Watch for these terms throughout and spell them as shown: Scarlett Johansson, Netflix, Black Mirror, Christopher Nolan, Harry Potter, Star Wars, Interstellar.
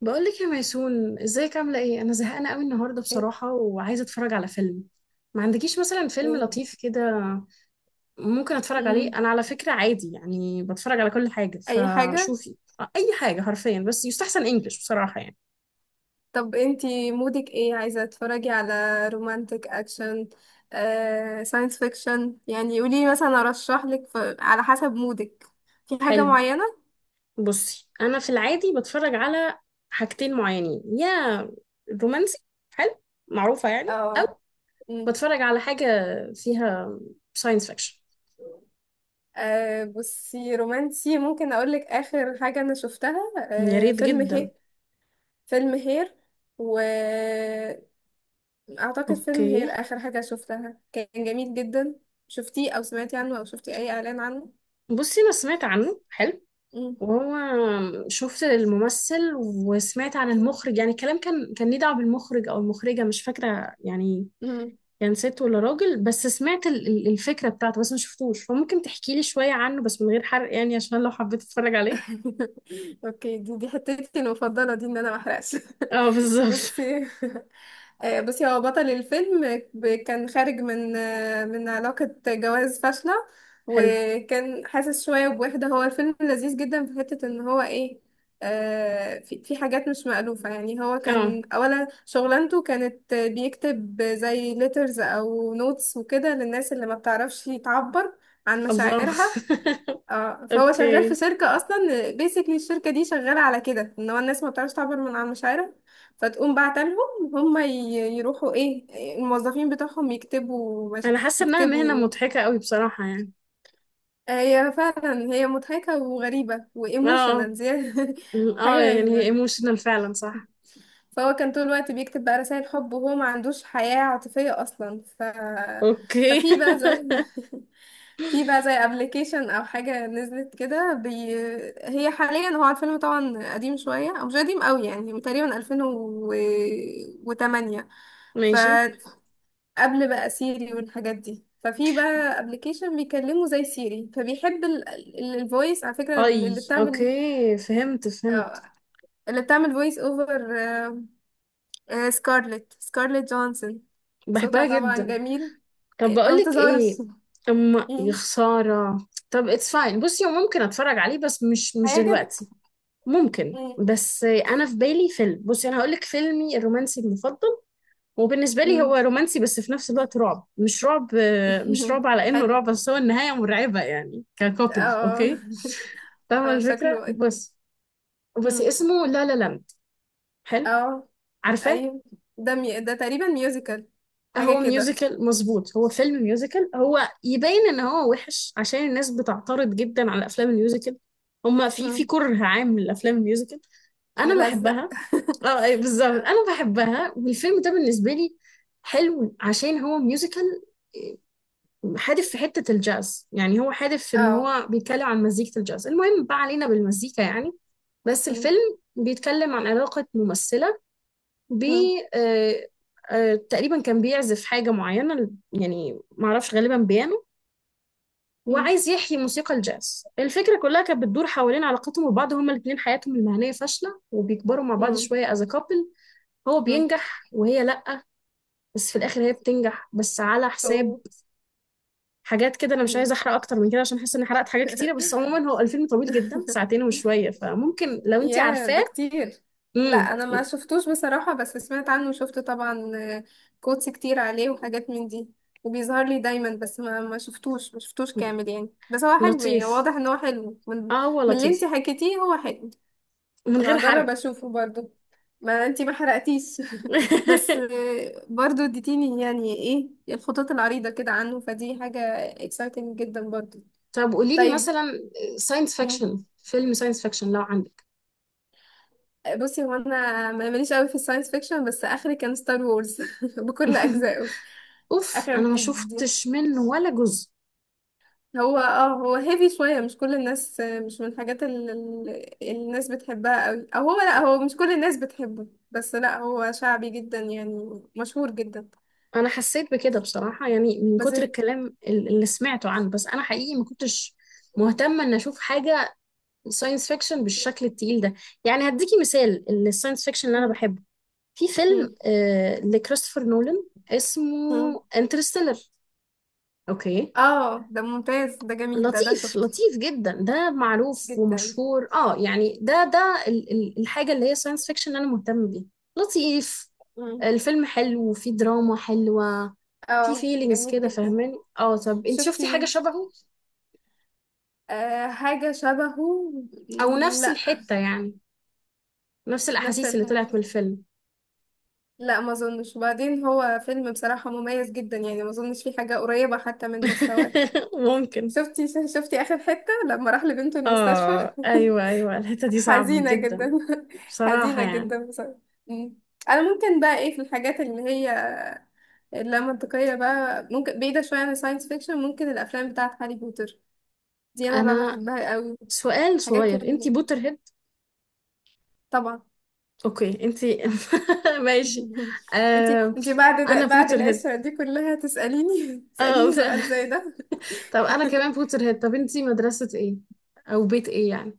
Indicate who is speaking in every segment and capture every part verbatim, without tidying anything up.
Speaker 1: بقولك يا ميسون، ازيك؟ عاملة ايه؟ انا زهقانة قوي النهاردة
Speaker 2: اوكي.
Speaker 1: بصراحة، وعايزة اتفرج على فيلم. ما عندكيش مثلا فيلم لطيف كده ممكن اتفرج عليه؟
Speaker 2: مم.
Speaker 1: انا على فكرة عادي، يعني بتفرج على كل حاجة
Speaker 2: اي حاجة.
Speaker 1: فشوفي. اي حاجة حرفيا، بس يستحسن انجلش بصراحة يعني.
Speaker 2: طب انتي مودك ايه؟ عايزة تتفرجي على رومانتك، اكشن، آه، ساينس فيكشن. يعني قولي مثلا ارشح لك، ف- على حسب مودك، في حاجة
Speaker 1: حلو.
Speaker 2: معينة.
Speaker 1: بصي انا في العادي بتفرج على حاجتين معينين، يا رومانسي حلو معروفة يعني،
Speaker 2: اه.
Speaker 1: او
Speaker 2: مم.
Speaker 1: بتفرج على حاجة فيها ساينس فيكشن.
Speaker 2: آه، بصي رومانسي، ممكن اقولك اخر حاجة انا شفتها.
Speaker 1: يا
Speaker 2: آه،
Speaker 1: ريت
Speaker 2: فيلم
Speaker 1: جدا.
Speaker 2: هي، فيلم هير، واعتقد فيلم
Speaker 1: اوكي.
Speaker 2: هير اخر حاجة شفتها، كان جميل جدا. شفتيه او سمعتي عنه او شفتي اي اعلان عنه؟
Speaker 1: بصي انا سمعت عنه، حلو، وهو شفت الممثل وسمعت عن المخرج، يعني الكلام كان كان ليه دعوة بالمخرج او المخرجة، مش فاكرة يعني
Speaker 2: مم.
Speaker 1: كان ست ولا راجل، بس سمعت ال- ال- الفكرة بتاعته، بس ما شفتوش. فممكن تحكي لي شوية عنه بس من غير حرق يعني، عشان لو حبيت اتفرج عليه.
Speaker 2: اوكي، دي دي حتتي المفضله دي، ان انا ما احرقش.
Speaker 1: اه بالظبط.
Speaker 2: بصي. آه، بصي هو بطل الفيلم ب- كان خارج من آه، من علاقه جواز فاشله،
Speaker 1: حلو.
Speaker 2: وكان حاسس شويه بوحده. هو الفيلم لذيذ جدا، في حته ان هو ايه. آه، في في حاجات مش مألوفة. يعني هو
Speaker 1: اه.
Speaker 2: كان أولا شغلانته كانت بيكتب زي letters أو notes وكده، للناس اللي ما بتعرفش تعبر عن
Speaker 1: الله.
Speaker 2: مشاعرها. اه، فهو شغال في
Speaker 1: اوكي.
Speaker 2: شركة اصلا، بيسكلي الشركة دي شغالة على كده، ان هو الناس ما بتعرفش تعبر من عن مشاعرها. فتقوم بعت لهم. هم ي- يروحوا ايه، الموظفين بتوعهم يكتبوا،
Speaker 1: انا
Speaker 2: مش
Speaker 1: حاسة انها مهنة
Speaker 2: يكتبوا.
Speaker 1: مضحكة قوي بصراحة يعني.
Speaker 2: آه، هي فعلا هي مضحكة وغريبة
Speaker 1: اه.
Speaker 2: وايموشنال زيادة.
Speaker 1: اه
Speaker 2: حاجة
Speaker 1: يعني هي
Speaker 2: غريبة.
Speaker 1: ايموشنال فعلا صح.
Speaker 2: فهو كان طول الوقت بيكتب بقى رسائل حب، وهو ما عندوش حياة عاطفية اصلا. ف
Speaker 1: اوكي.
Speaker 2: ففي بقى زي في بقى زي ابلكيشن او حاجه نزلت كده، بي... هي حاليا هو الفيلم طبعا قديم شويه، او مش قديم قوي يعني، تقريبا ألفين وتمانية.
Speaker 1: ماشي.
Speaker 2: فقبل بقى سيري والحاجات دي، ففي بقى ابلكيشن بيكلمه زي سيري، فبيحب الفويس على فكره،
Speaker 1: اي
Speaker 2: اللي بتعمل
Speaker 1: اوكي، فهمت فهمت.
Speaker 2: آه، اللي بتعمل فويس اوفر، سكارلت سكارلت جونسون. صوتها
Speaker 1: بحبها
Speaker 2: طبعا
Speaker 1: جدا.
Speaker 2: جميل.
Speaker 1: طب
Speaker 2: أيوة، ما
Speaker 1: بقولك
Speaker 2: بتظهرش.
Speaker 1: ايه، اما يا
Speaker 2: مم.
Speaker 1: خساره. طب اتس فاين، بصي هو ممكن اتفرج عليه بس مش مش
Speaker 2: هيعجبك.
Speaker 1: دلوقتي. ممكن، بس انا في بالي فيلم. بصي انا هقولك فيلمي الرومانسي المفضل، وبالنسبه لي
Speaker 2: مم.
Speaker 1: هو رومانسي بس في نفس الوقت رعب مش رعب، مش رعب على انه
Speaker 2: حلو.
Speaker 1: رعب بس هو النهايه مرعبه يعني ككوبل.
Speaker 2: اه.
Speaker 1: اوكي فاهمه
Speaker 2: اه
Speaker 1: الفكره
Speaker 2: شكله.
Speaker 1: بس. بس
Speaker 2: مم.
Speaker 1: اسمه لا لا لاند. حلو.
Speaker 2: اه
Speaker 1: عارفاه.
Speaker 2: ايوه، ده مي... ده تقريبا ميوزيكال، حاجة
Speaker 1: هو
Speaker 2: كده.
Speaker 1: ميوزيكال مظبوط، هو فيلم ميوزيكال هو. يبين ان هو وحش عشان الناس بتعترض جدا على افلام الميوزيكال. هما في في
Speaker 2: مم.
Speaker 1: كره عام للافلام الميوزيكال. انا
Speaker 2: ملزق.
Speaker 1: بحبها. اه أي بالظبط،
Speaker 2: اه.
Speaker 1: انا بحبها، والفيلم ده بالنسبه لي حلو عشان هو ميوزيكال حادف في حته الجاز، يعني هو حادف في ان
Speaker 2: اه.
Speaker 1: هو بيتكلم عن مزيكه الجاز، المهم بقى علينا بالمزيكا يعني. بس
Speaker 2: مم.
Speaker 1: الفيلم بيتكلم عن علاقه ممثله ب
Speaker 2: مم.
Speaker 1: آه، آه، تقريبا كان بيعزف حاجة معينة، يعني معرفش غالبا بيانو،
Speaker 2: مم.
Speaker 1: وعايز يحيي موسيقى الجاز. الفكرة كلها كانت بتدور حوالين علاقتهم ببعض، هما الاتنين حياتهم المهنية فاشلة وبيكبروا مع بعض
Speaker 2: مم.
Speaker 1: شوية as a couple. هو
Speaker 2: مم.
Speaker 1: بينجح وهي لأ، بس في الآخر هي بتنجح بس على حساب
Speaker 2: صوت.
Speaker 1: حاجات كده. أنا مش
Speaker 2: مم.
Speaker 1: عايزة أحرق أكتر من كده عشان حاسة إني حرقت حاجات كتيرة، بس عموما هو الفيلم طويل جدا، ساعتين وشوية، فممكن لو أنتي
Speaker 2: ياه
Speaker 1: عارفاه.
Speaker 2: ده كتير. لا
Speaker 1: امم
Speaker 2: انا ما شفتوش بصراحة، بس سمعت عنه وشفت طبعا كوتس كتير عليه وحاجات من دي، وبيظهر لي دايما، بس ما ما شفتوش ما شفتوش كامل يعني. بس هو حلو يعني،
Speaker 1: لطيف.
Speaker 2: واضح ان هو حلو، من،
Speaker 1: اه هو
Speaker 2: من اللي انتي
Speaker 1: لطيف،
Speaker 2: حكيتيه هو حلو.
Speaker 1: من
Speaker 2: انا
Speaker 1: غير
Speaker 2: هجرب
Speaker 1: حرق.
Speaker 2: اشوفه برضو، ما انتي ما حرقتيش. بس آه، برضو اديتيني يعني ايه الخطوط العريضة كده عنه، فدي حاجة exciting جدا برضو.
Speaker 1: طب قولي لي
Speaker 2: طيب.
Speaker 1: مثلا ساينس
Speaker 2: مم.
Speaker 1: فيكشن، فيلم ساينس فيكشن لو عندك.
Speaker 2: بصي هو انا ما- ماليش قوي في الساينس فيكشن، بس اخري كان ستار وورز بكل اجزائه.
Speaker 1: اوف
Speaker 2: اخر
Speaker 1: انا ما
Speaker 2: دي، دي.
Speaker 1: شفتش منه ولا جزء.
Speaker 2: هو اه هو هيفي شوية. مش كل الناس، آه، مش من الحاجات اللي الناس بتحبها قوي، او هو لا، هو مش كل الناس بتحبه، بس لا هو شعبي جدا يعني، مشهور جدا.
Speaker 1: انا حسيت بكده بصراحة يعني، من
Speaker 2: بس.
Speaker 1: كتر الكلام ال- اللي سمعته عنه، بس انا حقيقي ما كنتش مهتمة ان اشوف حاجة ساينس فيكشن بالشكل التقيل ده. يعني هديكي مثال الساينس فيكشن اللي انا
Speaker 2: مم.
Speaker 1: بحبه. في
Speaker 2: مم.
Speaker 1: فيلم آه لكريستوفر نولان اسمه
Speaker 2: مم.
Speaker 1: انترستيلر. اوكي.
Speaker 2: اه ده ممتاز، ده جميل، ده ده
Speaker 1: لطيف
Speaker 2: شفته.
Speaker 1: لطيف جدا، ده معروف
Speaker 2: جدا.
Speaker 1: ومشهور اه يعني، ده ده ال- ال- الحاجة اللي هي ساينس فيكشن انا مهتم بيها. لطيف.
Speaker 2: مم.
Speaker 1: الفيلم حلو وفيه دراما حلوة. في
Speaker 2: اه
Speaker 1: فيلينجز
Speaker 2: جميل
Speaker 1: كده
Speaker 2: جدا.
Speaker 1: فاهماني اه؟ طب انت شفتي حاجة
Speaker 2: شفتي؟
Speaker 1: شبهه
Speaker 2: آه حاجة شبهه.
Speaker 1: او نفس
Speaker 2: لا،
Speaker 1: الحتة يعني، نفس
Speaker 2: نفس
Speaker 1: الاحاسيس اللي طلعت من
Speaker 2: الحاجة.
Speaker 1: الفيلم؟
Speaker 2: لا ما اظنش، وبعدين هو فيلم بصراحة مميز جدا، يعني ما اظنش فيه حاجة قريبة حتى من مستواه.
Speaker 1: ممكن.
Speaker 2: شفتي شفتي آخر حتة لما راح لبنته المستشفى؟
Speaker 1: اه ايوه ايوه الحتة دي صعبة
Speaker 2: حزينة
Speaker 1: جدا،
Speaker 2: جدا.
Speaker 1: بصراحة
Speaker 2: حزينة
Speaker 1: يعني.
Speaker 2: جدا بصراحة. مم. انا ممكن بقى ايه في الحاجات اللي هي اللا منطقية بقى، ممكن بعيدة شوية عن الساينس فيكشن، ممكن الأفلام بتاعة هاري بوتر دي أنا بقى
Speaker 1: انا
Speaker 2: بحبها قوي.
Speaker 1: سؤال
Speaker 2: الحاجات
Speaker 1: صغير، انت
Speaker 2: اللي،
Speaker 1: بوتر هيد؟
Speaker 2: طبعا.
Speaker 1: اوكي انتي ماشي.
Speaker 2: انتي
Speaker 1: آه
Speaker 2: انتي بعد ده،
Speaker 1: انا
Speaker 2: بعد
Speaker 1: بوتر هيد.
Speaker 2: القشرة دي كلها تسأليني؟
Speaker 1: آه
Speaker 2: تسأليني
Speaker 1: ف...
Speaker 2: سؤال زي ده.
Speaker 1: طب انا كمان بوتر هيد، طب انتي مدرسة ايه او بيت ايه يعني؟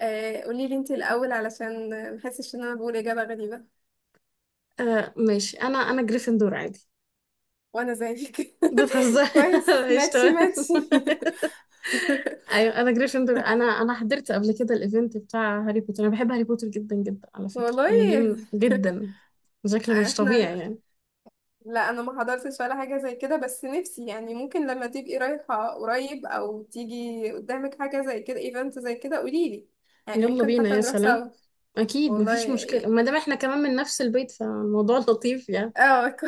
Speaker 2: آه، قوليلي انتي الأول، علشان محسش إن أنا بقول إجابة غريبة.
Speaker 1: آه ماشي، انا انا جريفندور عادي.
Speaker 2: وأنا زيك.
Speaker 1: بتهزري.
Speaker 2: كويس،
Speaker 1: ماشي
Speaker 2: ماتشي
Speaker 1: تمام.
Speaker 2: ماتشي.
Speaker 1: ايوه انا جريفندور. انا انا حضرت قبل كده الايفنت بتاع هاري بوتر، انا بحب هاري بوتر جدا جدا على فكرة
Speaker 2: والله.
Speaker 1: يعني، دي من... جدا بشكل مش
Speaker 2: احنا،
Speaker 1: طبيعي يعني.
Speaker 2: لا انا ما حضرتش ولا حاجه زي كده، بس نفسي يعني، ممكن لما تبقي رايحه قريب او تيجي قدامك حاجه زي كده، ايفنت زي كده، قوليلي، يعني
Speaker 1: يلا
Speaker 2: ممكن
Speaker 1: بينا،
Speaker 2: حتى
Speaker 1: يا
Speaker 2: نروح
Speaker 1: سلام.
Speaker 2: سوا.
Speaker 1: اكيد
Speaker 2: والله
Speaker 1: مفيش مشكلة
Speaker 2: ي-
Speaker 1: ما دام احنا كمان من نفس البيت، فالموضوع لطيف يعني.
Speaker 2: اه. كو-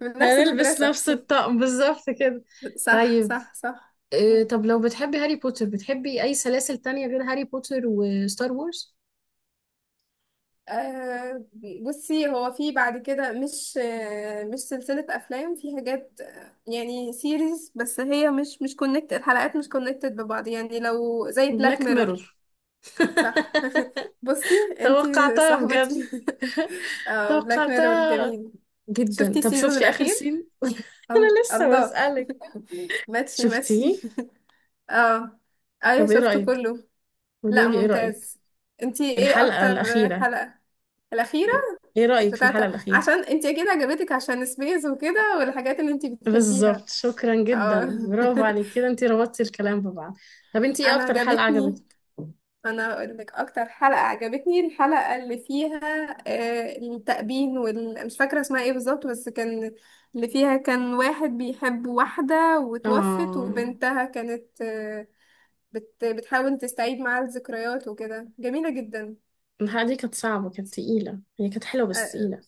Speaker 2: من نفس
Speaker 1: هنلبس
Speaker 2: المدرسه.
Speaker 1: نفس الطقم بالظبط كده.
Speaker 2: صح
Speaker 1: طيب.
Speaker 2: صح صح.
Speaker 1: آه،
Speaker 2: مم.
Speaker 1: طب لو بتحبي هاري بوتر بتحبي أي سلاسل تانية غير هاري بوتر وستار وورز؟
Speaker 2: آه بصي هو في بعد كده، مش آه مش سلسله افلام، في حاجات آه، يعني سيريز، بس هي مش مش كونكتد، الحلقات مش كونكتد ببعض يعني، لو زي بلاك
Speaker 1: بلاك
Speaker 2: ميرور.
Speaker 1: ميرور.
Speaker 2: صح. بصي انتي
Speaker 1: توقعتها بجد.
Speaker 2: صاحبتي. آه بلاك ميرور
Speaker 1: توقعتها
Speaker 2: جميل.
Speaker 1: جدا.
Speaker 2: شفتي
Speaker 1: طب
Speaker 2: السيزون
Speaker 1: شفتي آخر
Speaker 2: الأخير؟
Speaker 1: سين؟
Speaker 2: ال-
Speaker 1: أنا لسه
Speaker 2: الله.
Speaker 1: بسألك.
Speaker 2: ماتشي
Speaker 1: شفتيه؟
Speaker 2: ماتشي. اه ايوه
Speaker 1: طب إيه
Speaker 2: شفته
Speaker 1: رأيك؟
Speaker 2: كله. لا
Speaker 1: قوليلي إيه رأيك؟
Speaker 2: ممتاز. انتي ايه
Speaker 1: الحلقة
Speaker 2: أكتر
Speaker 1: الأخيرة،
Speaker 2: حلقة؟ الأخيرة.
Speaker 1: إيه رأيك في
Speaker 2: بتاعت،
Speaker 1: الحلقة الأخيرة؟
Speaker 2: عشان انتي أكيد عجبتك عشان سبيس وكده والحاجات اللي انتي
Speaker 1: بالظبط،
Speaker 2: بتحبيها.
Speaker 1: شكرا جدا،
Speaker 2: اه.
Speaker 1: برافو عليك كده انتي ربطتي الكلام ببعض. طب انتي ايه
Speaker 2: أنا
Speaker 1: اكتر حلقة
Speaker 2: عجبتني.
Speaker 1: عجبتك؟
Speaker 2: انا اقول لك اكتر حلقة عجبتني الحلقة اللي فيها آه، التأبين وال... مش فاكرة اسمها ايه بالظبط، بس كان، اللي فيها كان واحد بيحب واحدة وتوفت،
Speaker 1: اه
Speaker 2: وبنتها كانت آه، بت... بتحاول تستعيد معاه الذكريات وكده. جميلة جدا.
Speaker 1: الحلقة دي كانت صعبة، كانت تقيلة، هي كانت حلوة بس
Speaker 2: آه،
Speaker 1: تقيلة.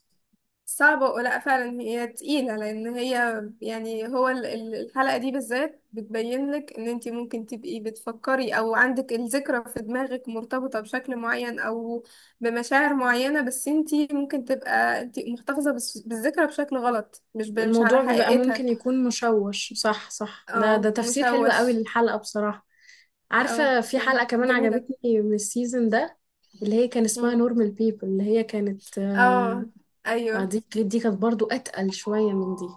Speaker 2: صعبة، ولا فعلا هي تقيلة، لأن هي يعني هو ال- ال- الحلقة دي بالذات بتبين لك إن أنت ممكن تبقي بتفكري أو عندك الذكرى في دماغك مرتبطة بشكل معين، أو بمشاعر معينة، بس أنت ممكن تبقى أنت محتفظة بس- بالذكرى بشكل غلط، مش ب- مش على
Speaker 1: الموضوع بيبقى
Speaker 2: حقيقتها.
Speaker 1: ممكن يكون مشوش، صح صح، ده ده
Speaker 2: اه
Speaker 1: تفسير حلو قوي
Speaker 2: مشوش.
Speaker 1: للحلقة بصراحة.
Speaker 2: اه
Speaker 1: عارفة
Speaker 2: ف-
Speaker 1: في حلقة كمان
Speaker 2: جميلة.
Speaker 1: عجبتني من السيزون ده، اللي هي كان اسمها
Speaker 2: مم.
Speaker 1: نورمال بيبل، اللي هي كانت اه،
Speaker 2: اه
Speaker 1: آه،
Speaker 2: أيوه.
Speaker 1: دي دي كانت برضو أتقل شوية من دي،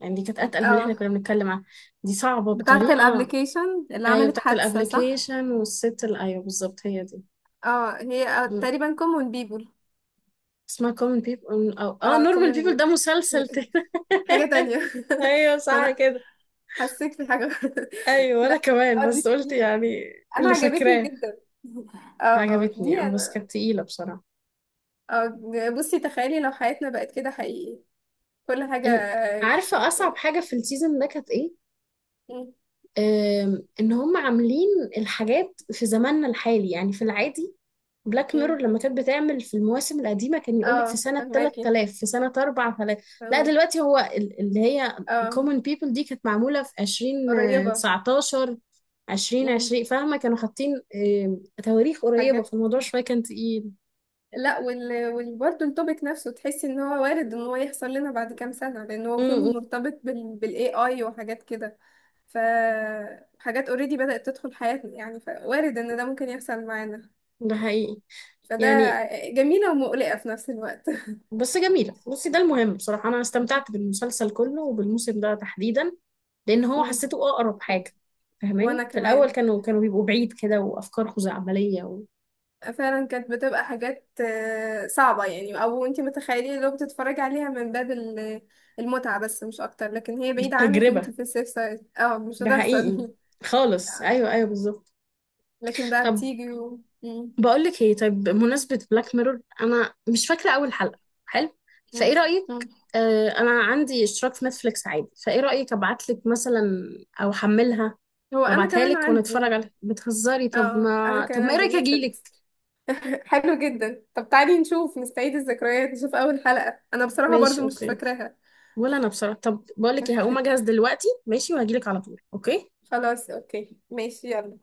Speaker 1: يعني دي كانت أتقل من اللي احنا
Speaker 2: اه،
Speaker 1: كنا بنتكلم عنها. دي صعبة
Speaker 2: بتاعة
Speaker 1: بطريقة.
Speaker 2: الابليكيشن اللي
Speaker 1: ايوه
Speaker 2: عملت
Speaker 1: بتاعت
Speaker 2: حادثة صح؟
Speaker 1: الابليكيشن والست ال- ايوه بالظبط، هي دي.
Speaker 2: اه هي آه، تقريبا common people.
Speaker 1: اسمها common people، أو اه
Speaker 2: اه
Speaker 1: normal
Speaker 2: كومن
Speaker 1: people،
Speaker 2: بوي،
Speaker 1: ده مسلسل تاني.
Speaker 2: حاجة تانية.
Speaker 1: ايوه صح
Speaker 2: فأنا
Speaker 1: كده.
Speaker 2: حسيت في حاجة.
Speaker 1: ايوه انا
Speaker 2: لا.
Speaker 1: كمان
Speaker 2: اه دي
Speaker 1: بس قلت
Speaker 2: جميلة،
Speaker 1: يعني
Speaker 2: أنا
Speaker 1: اللي
Speaker 2: عجبتني
Speaker 1: فاكراه.
Speaker 2: جدا. اه
Speaker 1: عجبتني
Speaker 2: دي
Speaker 1: اه، بس
Speaker 2: أنا.
Speaker 1: كانت تقيله بصراحه.
Speaker 2: اه بصي، تخيلي لو حياتنا بقت كده حقيقي، كل حاجة
Speaker 1: ال-
Speaker 2: آه،
Speaker 1: عارفه اصعب حاجه في السيزون ده كانت ايه؟
Speaker 2: م-
Speaker 1: أم، ان هم عاملين الحاجات في زماننا الحالي يعني في العادي. بلاك
Speaker 2: م-
Speaker 1: ميرور لما كانت بتعمل في المواسم القديمة كان يقولك في
Speaker 2: اه.
Speaker 1: سنة
Speaker 2: فهماكي
Speaker 1: تلت تلاف، في سنة أربعة آلاف. لا
Speaker 2: فهماكي
Speaker 1: دلوقتي هو ال- اللي هي
Speaker 2: اه.
Speaker 1: common people دي كانت معمولة في
Speaker 2: قريبة.
Speaker 1: الفين وتسعتاشر،
Speaker 2: م-
Speaker 1: ألفين وعشرون، فاهمة؟ كانوا حاطين آم، تواريخ قريبة،
Speaker 2: حاجات.
Speaker 1: فالموضوع شوية كان تقيل.
Speaker 2: لا وال... وال... برضه التوبيك نفسه، تحسي ان هو وارد ان هو يحصل لنا بعد كام سنة، لان هو
Speaker 1: م-
Speaker 2: كله
Speaker 1: م،
Speaker 2: مرتبط بال... بالاي اي وحاجات كده. فحاجات اوريدي بدأت تدخل حياتنا يعني، فوارد ان ده ممكن يحصل معانا.
Speaker 1: ده حقيقي
Speaker 2: فده
Speaker 1: يعني.
Speaker 2: جميلة ومقلقة في نفس الوقت.
Speaker 1: بس جميلة. بصي ده المهم، بصراحة أنا استمتعت بالمسلسل كله وبالموسم ده تحديدا، لأن هو
Speaker 2: مم.
Speaker 1: حسيته أقرب حاجة فاهماني.
Speaker 2: وانا
Speaker 1: في الأول
Speaker 2: كمان،
Speaker 1: كانوا كانوا بيبقوا بعيد كده وأفكار خزعبلية
Speaker 2: فعلا كانت بتبقى حاجات آه، صعبة يعني، او انت متخيلين لو بتتفرجي عليها من باب ال- المتعة، بس مش اكتر، لكن هي بعيدة عنك وانت
Speaker 1: وتجربة.
Speaker 2: في السيف سايد، اه مش
Speaker 1: ده حقيقي
Speaker 2: هتحصل.
Speaker 1: خالص، ايوه ايوه بالظبط.
Speaker 2: لكن بقى
Speaker 1: طب
Speaker 2: بتيجي و... مم.
Speaker 1: بقول لك ايه، طيب بمناسبه بلاك ميرور انا مش فاكره اول حلقه. حلو. فايه
Speaker 2: مم.
Speaker 1: رايك؟
Speaker 2: مم.
Speaker 1: آه انا عندي اشتراك في نتفليكس عادي، فايه رايك ابعت لك مثلا او احملها
Speaker 2: هو انا
Speaker 1: وابعتها
Speaker 2: كمان
Speaker 1: لك
Speaker 2: عندي.
Speaker 1: ونتفرج عليها؟ بتهزري؟ طب
Speaker 2: اه انا
Speaker 1: ما طب
Speaker 2: كمان
Speaker 1: ما ايه
Speaker 2: عندي
Speaker 1: رايك اجيلك؟
Speaker 2: نتفليكس. حلو جدا، طب تعالي نشوف، نستعيد الذكريات، نشوف اول حلقة، انا بصراحة
Speaker 1: ماشي
Speaker 2: برضو مش
Speaker 1: اوكي.
Speaker 2: فاكراها.
Speaker 1: ولا انا بصراحه. طب بقول لك ايه، هقوم اجهز دلوقتي ماشي، وهجيلك على طول. اوكي.
Speaker 2: خلاص اوكي ماشي يلا.